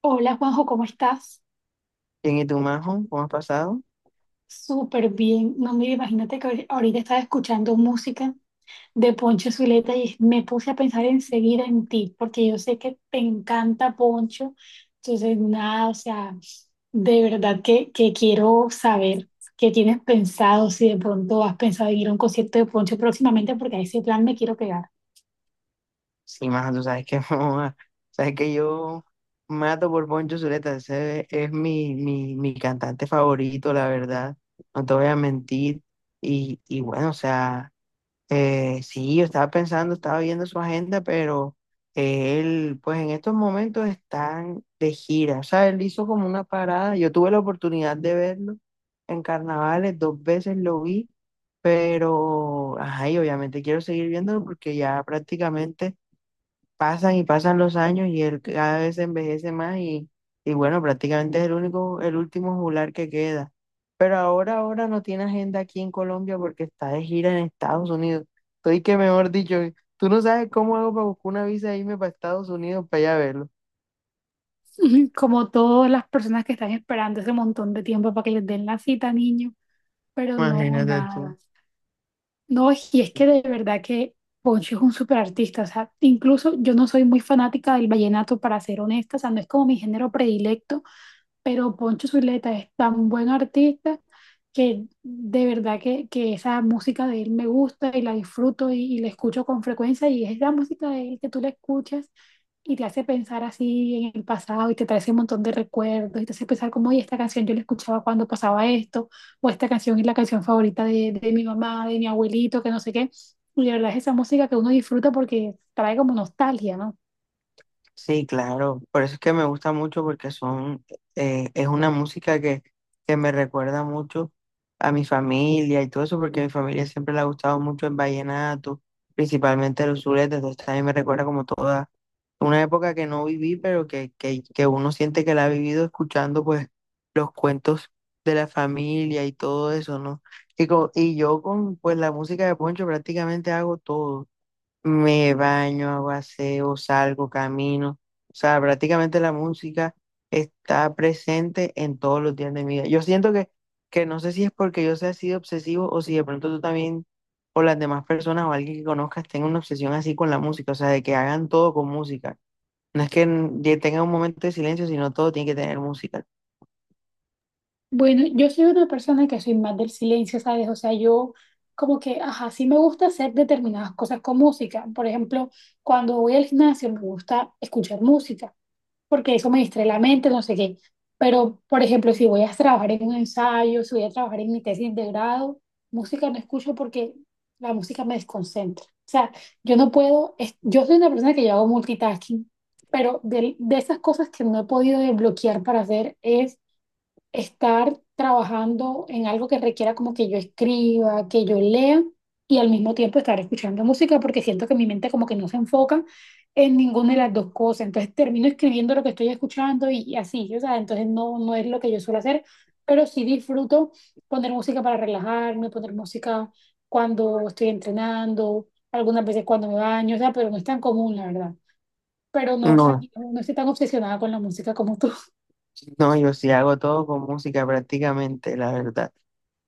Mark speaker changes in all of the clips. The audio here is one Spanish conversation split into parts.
Speaker 1: Hola Juanjo, ¿cómo estás?
Speaker 2: Bien, ¿y tú, Majo? ¿Cómo has pasado?
Speaker 1: Súper bien. No, mira, imagínate que ahorita estaba escuchando música de Poncho Zuleta y me puse a pensar enseguida en ti, porque yo sé que te encanta Poncho. Entonces, nada, o sea, de verdad que quiero saber qué tienes pensado, si de pronto has pensado en ir a un concierto de Poncho próximamente, porque a ese plan me quiero pegar.
Speaker 2: Sí, Majo, tú sabes que, joa, sabes que yo mato por Poncho Zuleta. Ese es mi cantante favorito, la verdad. No te voy a mentir. Y bueno, o sea. Sí, yo estaba pensando, estaba viendo su agenda, pero él, pues en estos momentos están de gira. O sea, él hizo como una parada. Yo tuve la oportunidad de verlo en carnavales, dos veces lo vi, pero, ajá, y obviamente quiero seguir viéndolo porque ya prácticamente pasan y pasan los años y él cada vez se envejece más y bueno, prácticamente es el único, el último juglar que queda. Pero ahora no tiene agenda aquí en Colombia porque está de gira en Estados Unidos. Estoy que mejor dicho, tú no sabes cómo hago para buscar una visa e irme para Estados Unidos para allá verlo.
Speaker 1: Como todas las personas que están esperando ese montón de tiempo para que les den la cita, niño, pero no,
Speaker 2: Imagínate tú.
Speaker 1: nada. No, y es que de verdad que Poncho es un súper artista, o sea, incluso yo no soy muy fanática del vallenato, para ser honesta, o sea, no es como mi género predilecto, pero Poncho Zuleta es tan buen artista que de verdad que esa música de él me gusta y la disfruto y la escucho con frecuencia y es la música de él que tú la escuchas y te hace pensar así en el pasado y te trae ese montón de recuerdos y te hace pensar como, oye, esta canción yo la escuchaba cuando pasaba esto o esta canción es la canción favorita de mi mamá, de mi abuelito, que no sé qué. Y de verdad es esa música que uno disfruta porque trae como nostalgia, ¿no?
Speaker 2: Sí, claro, por eso es que me gusta mucho porque son, es una música que me recuerda mucho a mi familia y todo eso, porque a mi familia siempre le ha gustado mucho el vallenato, principalmente los zuletes, entonces también me recuerda como toda una época que no viví, pero que uno siente que la ha vivido escuchando pues los cuentos de la familia y todo eso, ¿no? Y, y yo con pues la música de Poncho prácticamente hago todo. Me baño, hago aseo, salgo, camino. O sea, prácticamente la música está presente en todos los días de mi vida. Yo siento que no sé si es porque yo sea así de obsesivo o si de pronto tú también o las demás personas o alguien que conozcas tenga una obsesión así con la música. O sea, de que hagan todo con música. No es que tenga un momento de silencio, sino todo tiene que tener música.
Speaker 1: Bueno, yo soy una persona que soy más del silencio, ¿sabes? O sea, yo como que, ajá, sí me gusta hacer determinadas cosas con música. Por ejemplo, cuando voy al gimnasio me gusta escuchar música, porque eso me distrae la mente, no sé qué. Pero, por ejemplo, si voy a trabajar en un ensayo, si voy a trabajar en mi tesis de grado, música no escucho porque la música me desconcentra. O sea, yo no puedo, yo soy una persona que yo hago multitasking, pero de esas cosas que no he podido desbloquear para hacer es estar trabajando en algo que requiera como que yo escriba, que yo lea y al mismo tiempo estar escuchando música porque siento que mi mente como que no se enfoca en ninguna de las dos cosas. Entonces termino escribiendo lo que estoy escuchando y así, o sea, entonces no, no es lo que yo suelo hacer, pero sí disfruto poner música para relajarme, poner música cuando estoy entrenando, algunas veces cuando me baño, o sea, pero no es tan común, la verdad. Pero no, o sea,
Speaker 2: No,
Speaker 1: no estoy tan obsesionada con la música como tú.
Speaker 2: no, yo sí hago todo con música prácticamente, la verdad.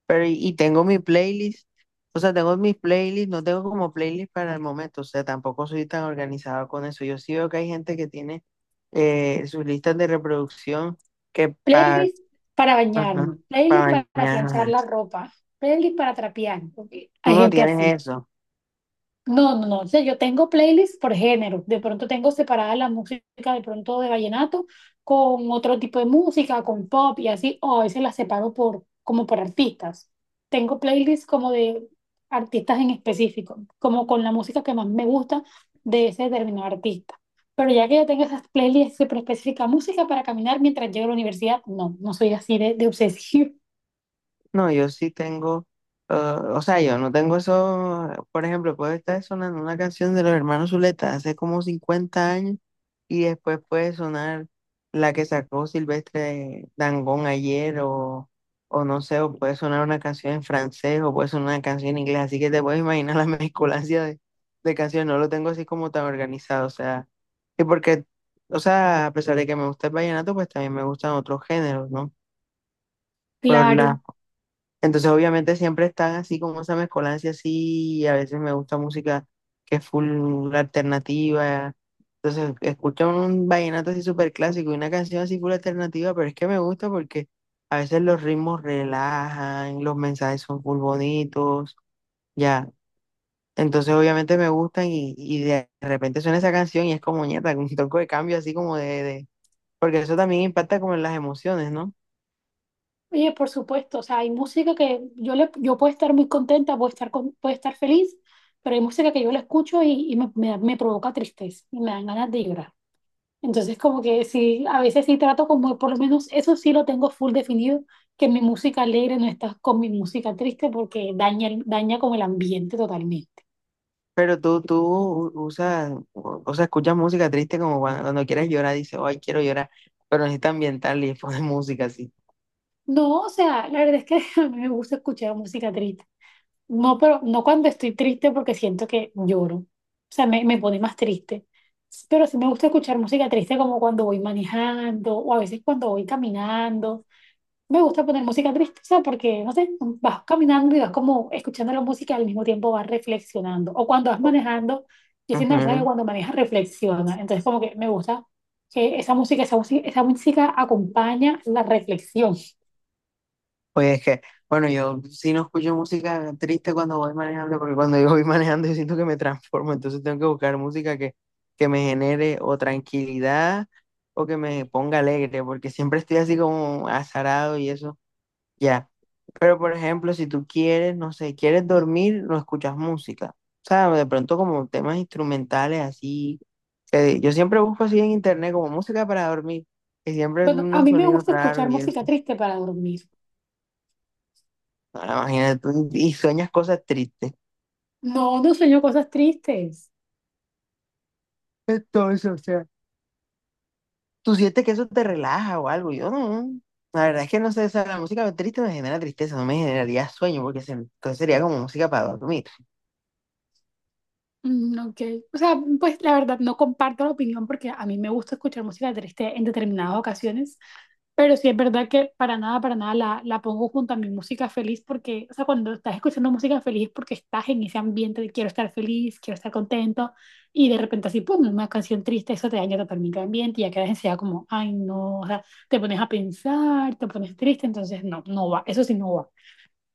Speaker 2: Pero tengo mi playlist, o sea, tengo mis playlists, no tengo como playlist para el momento, o sea, tampoco soy tan organizado con eso. Yo sí veo que hay gente que tiene sus listas de reproducción que para
Speaker 1: Playlist para bañarme, playlist para planchar
Speaker 2: mañana.
Speaker 1: la ropa, playlist para trapear, porque
Speaker 2: Tú
Speaker 1: hay
Speaker 2: no
Speaker 1: gente así.
Speaker 2: tienes eso.
Speaker 1: No, no, no. O sea, yo tengo playlists por género. De pronto tengo separada la música, de pronto de vallenato, con otro tipo de música, con pop y así, o a veces las separo por, como por artistas. Tengo playlists como de artistas en específico, como con la música que más me gusta de ese determinado artista. Pero ya que yo tengo esas playlists súper específicas, música para caminar mientras llego a la universidad, no, no soy así de obsesiva.
Speaker 2: No, yo sí tengo, ah, o sea, yo no tengo eso, por ejemplo, puede estar sonando una canción de los hermanos Zuleta hace como 50 años y después puede sonar la que sacó Silvestre Dangond ayer o no sé, o puede sonar una canción en francés o puede sonar una canción en inglés, así que te puedes imaginar la mezcolancia de canciones, no lo tengo así como tan organizado, o sea, y porque, o sea, a pesar de que me gusta el vallenato, pues también me gustan otros géneros, ¿no? Por
Speaker 1: Claro.
Speaker 2: las entonces, obviamente, siempre están así como esa mezcolancia así. Y a veces me gusta música que es full alternativa. Entonces, escucho un vallenato así súper clásico y una canción así full alternativa, pero es que me gusta porque a veces los ritmos relajan, los mensajes son full bonitos, ya. Entonces, obviamente, me gustan y de repente suena esa canción y es como ñeta, un toque de cambio así como de, de. Porque eso también impacta como en las emociones, ¿no?
Speaker 1: Oye, por supuesto, o sea, hay música que yo le, yo puedo estar muy contenta, puedo estar, puedo estar feliz, pero hay música que yo la escucho y me, me provoca tristeza y me dan ganas de llorar. Entonces, como que sí, a veces sí trato como, por lo menos eso sí lo tengo full definido, que mi música alegre no está con mi música triste porque daña, daña como el ambiente totalmente.
Speaker 2: Pero tú, usas, o sea, escuchas música triste como cuando, cuando quieres llorar, dices, ay, quiero llorar, pero necesitas ambiental y pones música así.
Speaker 1: No, o sea, la verdad es que a mí me gusta escuchar música triste. No, pero no cuando estoy triste porque siento que lloro. O sea, me pone más triste. Pero sí me gusta escuchar música triste como cuando voy manejando o a veces cuando voy caminando. Me gusta poner música triste, o sea, porque, no sé, vas caminando y vas como escuchando la música al mismo tiempo vas reflexionando. O cuando vas manejando, yo siento que
Speaker 2: Ujú.
Speaker 1: cuando manejas reflexiona. Entonces como que me gusta que esa música acompaña la reflexión.
Speaker 2: Oye, es que, bueno, yo sí no escucho música triste cuando voy manejando, porque cuando yo voy manejando yo siento que me transformo, entonces tengo que buscar música que me genere o tranquilidad o que me ponga alegre, porque siempre estoy así como azarado y eso. Ya. Pero por ejemplo, si tú quieres, no sé, quieres dormir, no escuchas música. O sea, de pronto como temas instrumentales así, que yo siempre busco así en internet como música para dormir. Y siempre
Speaker 1: Bueno, a
Speaker 2: unos
Speaker 1: mí me
Speaker 2: sonidos
Speaker 1: gusta escuchar
Speaker 2: raros y
Speaker 1: música
Speaker 2: eso.
Speaker 1: triste para dormir.
Speaker 2: Ahora imagínate tú y sueñas cosas tristes.
Speaker 1: No, no sueño cosas tristes.
Speaker 2: Entonces, o sea, tú sientes que eso te relaja o algo. Yo no. La verdad es que no sé, o sea, la música triste me genera tristeza, no me generaría sueño, porque entonces sería como música para dormir.
Speaker 1: Mm, ok. O sea, pues la verdad no comparto la opinión porque a mí me gusta escuchar música triste en determinadas ocasiones, pero sí es verdad que para nada la pongo junto a mi música feliz porque, o sea, cuando estás escuchando música feliz es porque estás en ese ambiente de quiero estar feliz, quiero estar contento y de repente así, pum, una canción triste, eso te daña totalmente el ambiente y ya quedas enseguida como, ay, no, o sea, te pones a pensar, te pones triste, entonces no, no va, eso sí no va.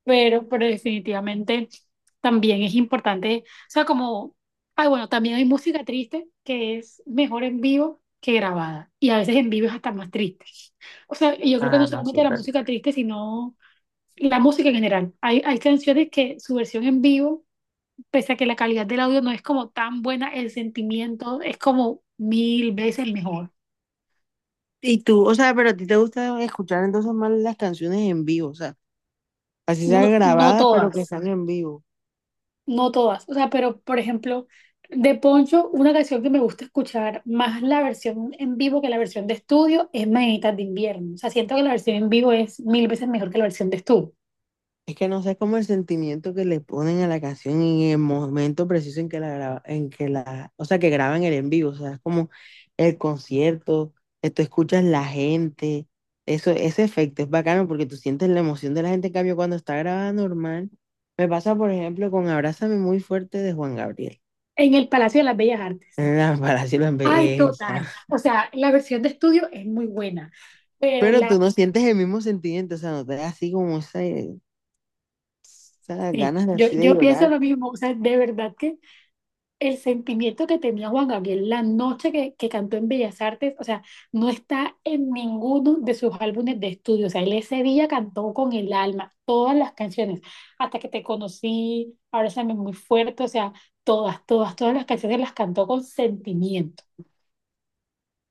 Speaker 1: Pero definitivamente también es importante, o sea, como, ay, bueno, también hay música triste que es mejor en vivo que grabada, y a veces en vivo es hasta más triste. O sea, yo creo que no
Speaker 2: Ah, no sé.
Speaker 1: solamente la música triste, sino la música en general. Hay canciones que su versión en vivo, pese a que la calidad del audio no es como tan buena, el sentimiento es como mil veces mejor.
Speaker 2: Y tú, o sea, pero a ti te gusta escuchar entonces más las canciones en vivo, o sea, así sea
Speaker 1: No, no
Speaker 2: grabadas, pero que
Speaker 1: todas.
Speaker 2: sean en vivo.
Speaker 1: No todas, o sea, pero por ejemplo, de Poncho, una canción que me gusta escuchar más la versión en vivo que la versión de estudio es Mañanitas de Invierno. O sea, siento que la versión en vivo es mil veces mejor que la versión de estudio.
Speaker 2: Es que no sé cómo el sentimiento que le ponen a la canción en el momento preciso en que la en que la, o sea, que graban el en vivo, o sea, es como el concierto, tú escuchas la gente, eso, ese efecto es bacano porque tú sientes la emoción de la gente, en cambio, cuando está grabada normal, me pasa, por ejemplo, con Abrázame muy fuerte de Juan Gabriel.
Speaker 1: En el Palacio de las Bellas Artes.
Speaker 2: Para si lo.
Speaker 1: Ay, total. O sea, la versión de estudio es muy buena, pero
Speaker 2: Pero
Speaker 1: la,
Speaker 2: tú no sientes el mismo sentimiento, o sea, no te da así como esa, esas
Speaker 1: sí,
Speaker 2: ganas de
Speaker 1: yo,
Speaker 2: así de
Speaker 1: yo pienso
Speaker 2: llorar.
Speaker 1: lo mismo. O sea, de verdad que el sentimiento que tenía Juan Gabriel la noche que cantó en Bellas Artes, o sea, no está en ninguno de sus álbumes de estudio. O sea, él ese día cantó con el alma todas las canciones, hasta que te conocí, ahora también muy fuerte, o sea, todas, todas, todas las canciones las cantó con sentimiento.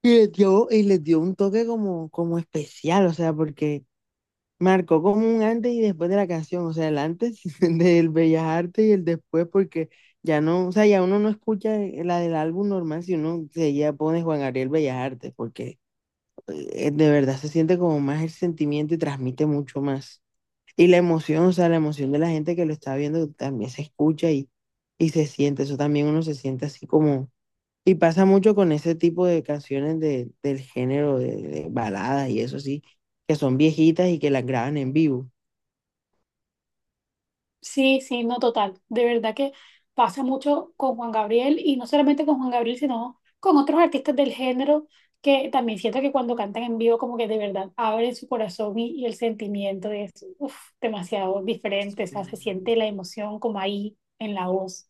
Speaker 2: Y les dio un toque como, como especial, o sea, porque marcó como un antes y después de la canción, o sea, el antes del Bellas Artes y el después, porque ya no, o sea, ya uno no escucha la del álbum normal si uno se ya pone Juan Gabriel Bellas Artes, porque de verdad se siente como más el sentimiento y transmite mucho más. Y la emoción, o sea, la emoción de la gente que lo está viendo también se escucha y se siente, eso también uno se siente así como... Y pasa mucho con ese tipo de canciones de, del género de baladas y eso sí, que son viejitas y que las graban en vivo.
Speaker 1: Sí, sí, no total. De verdad que pasa mucho con Juan Gabriel y no solamente con Juan Gabriel, sino con otros artistas del género que también siento que cuando cantan en vivo como que de verdad abren su corazón y el sentimiento es uf, demasiado diferente, o sea, se siente la emoción como ahí en la voz.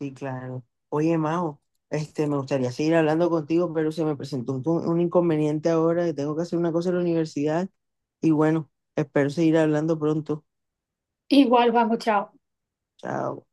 Speaker 2: Sí, claro. Oye, Mao, este, me gustaría seguir hablando contigo, pero se me presentó un inconveniente ahora, que tengo que hacer una cosa en la universidad y bueno, espero seguir hablando pronto.
Speaker 1: Igual, vamos, chao.
Speaker 2: Chao.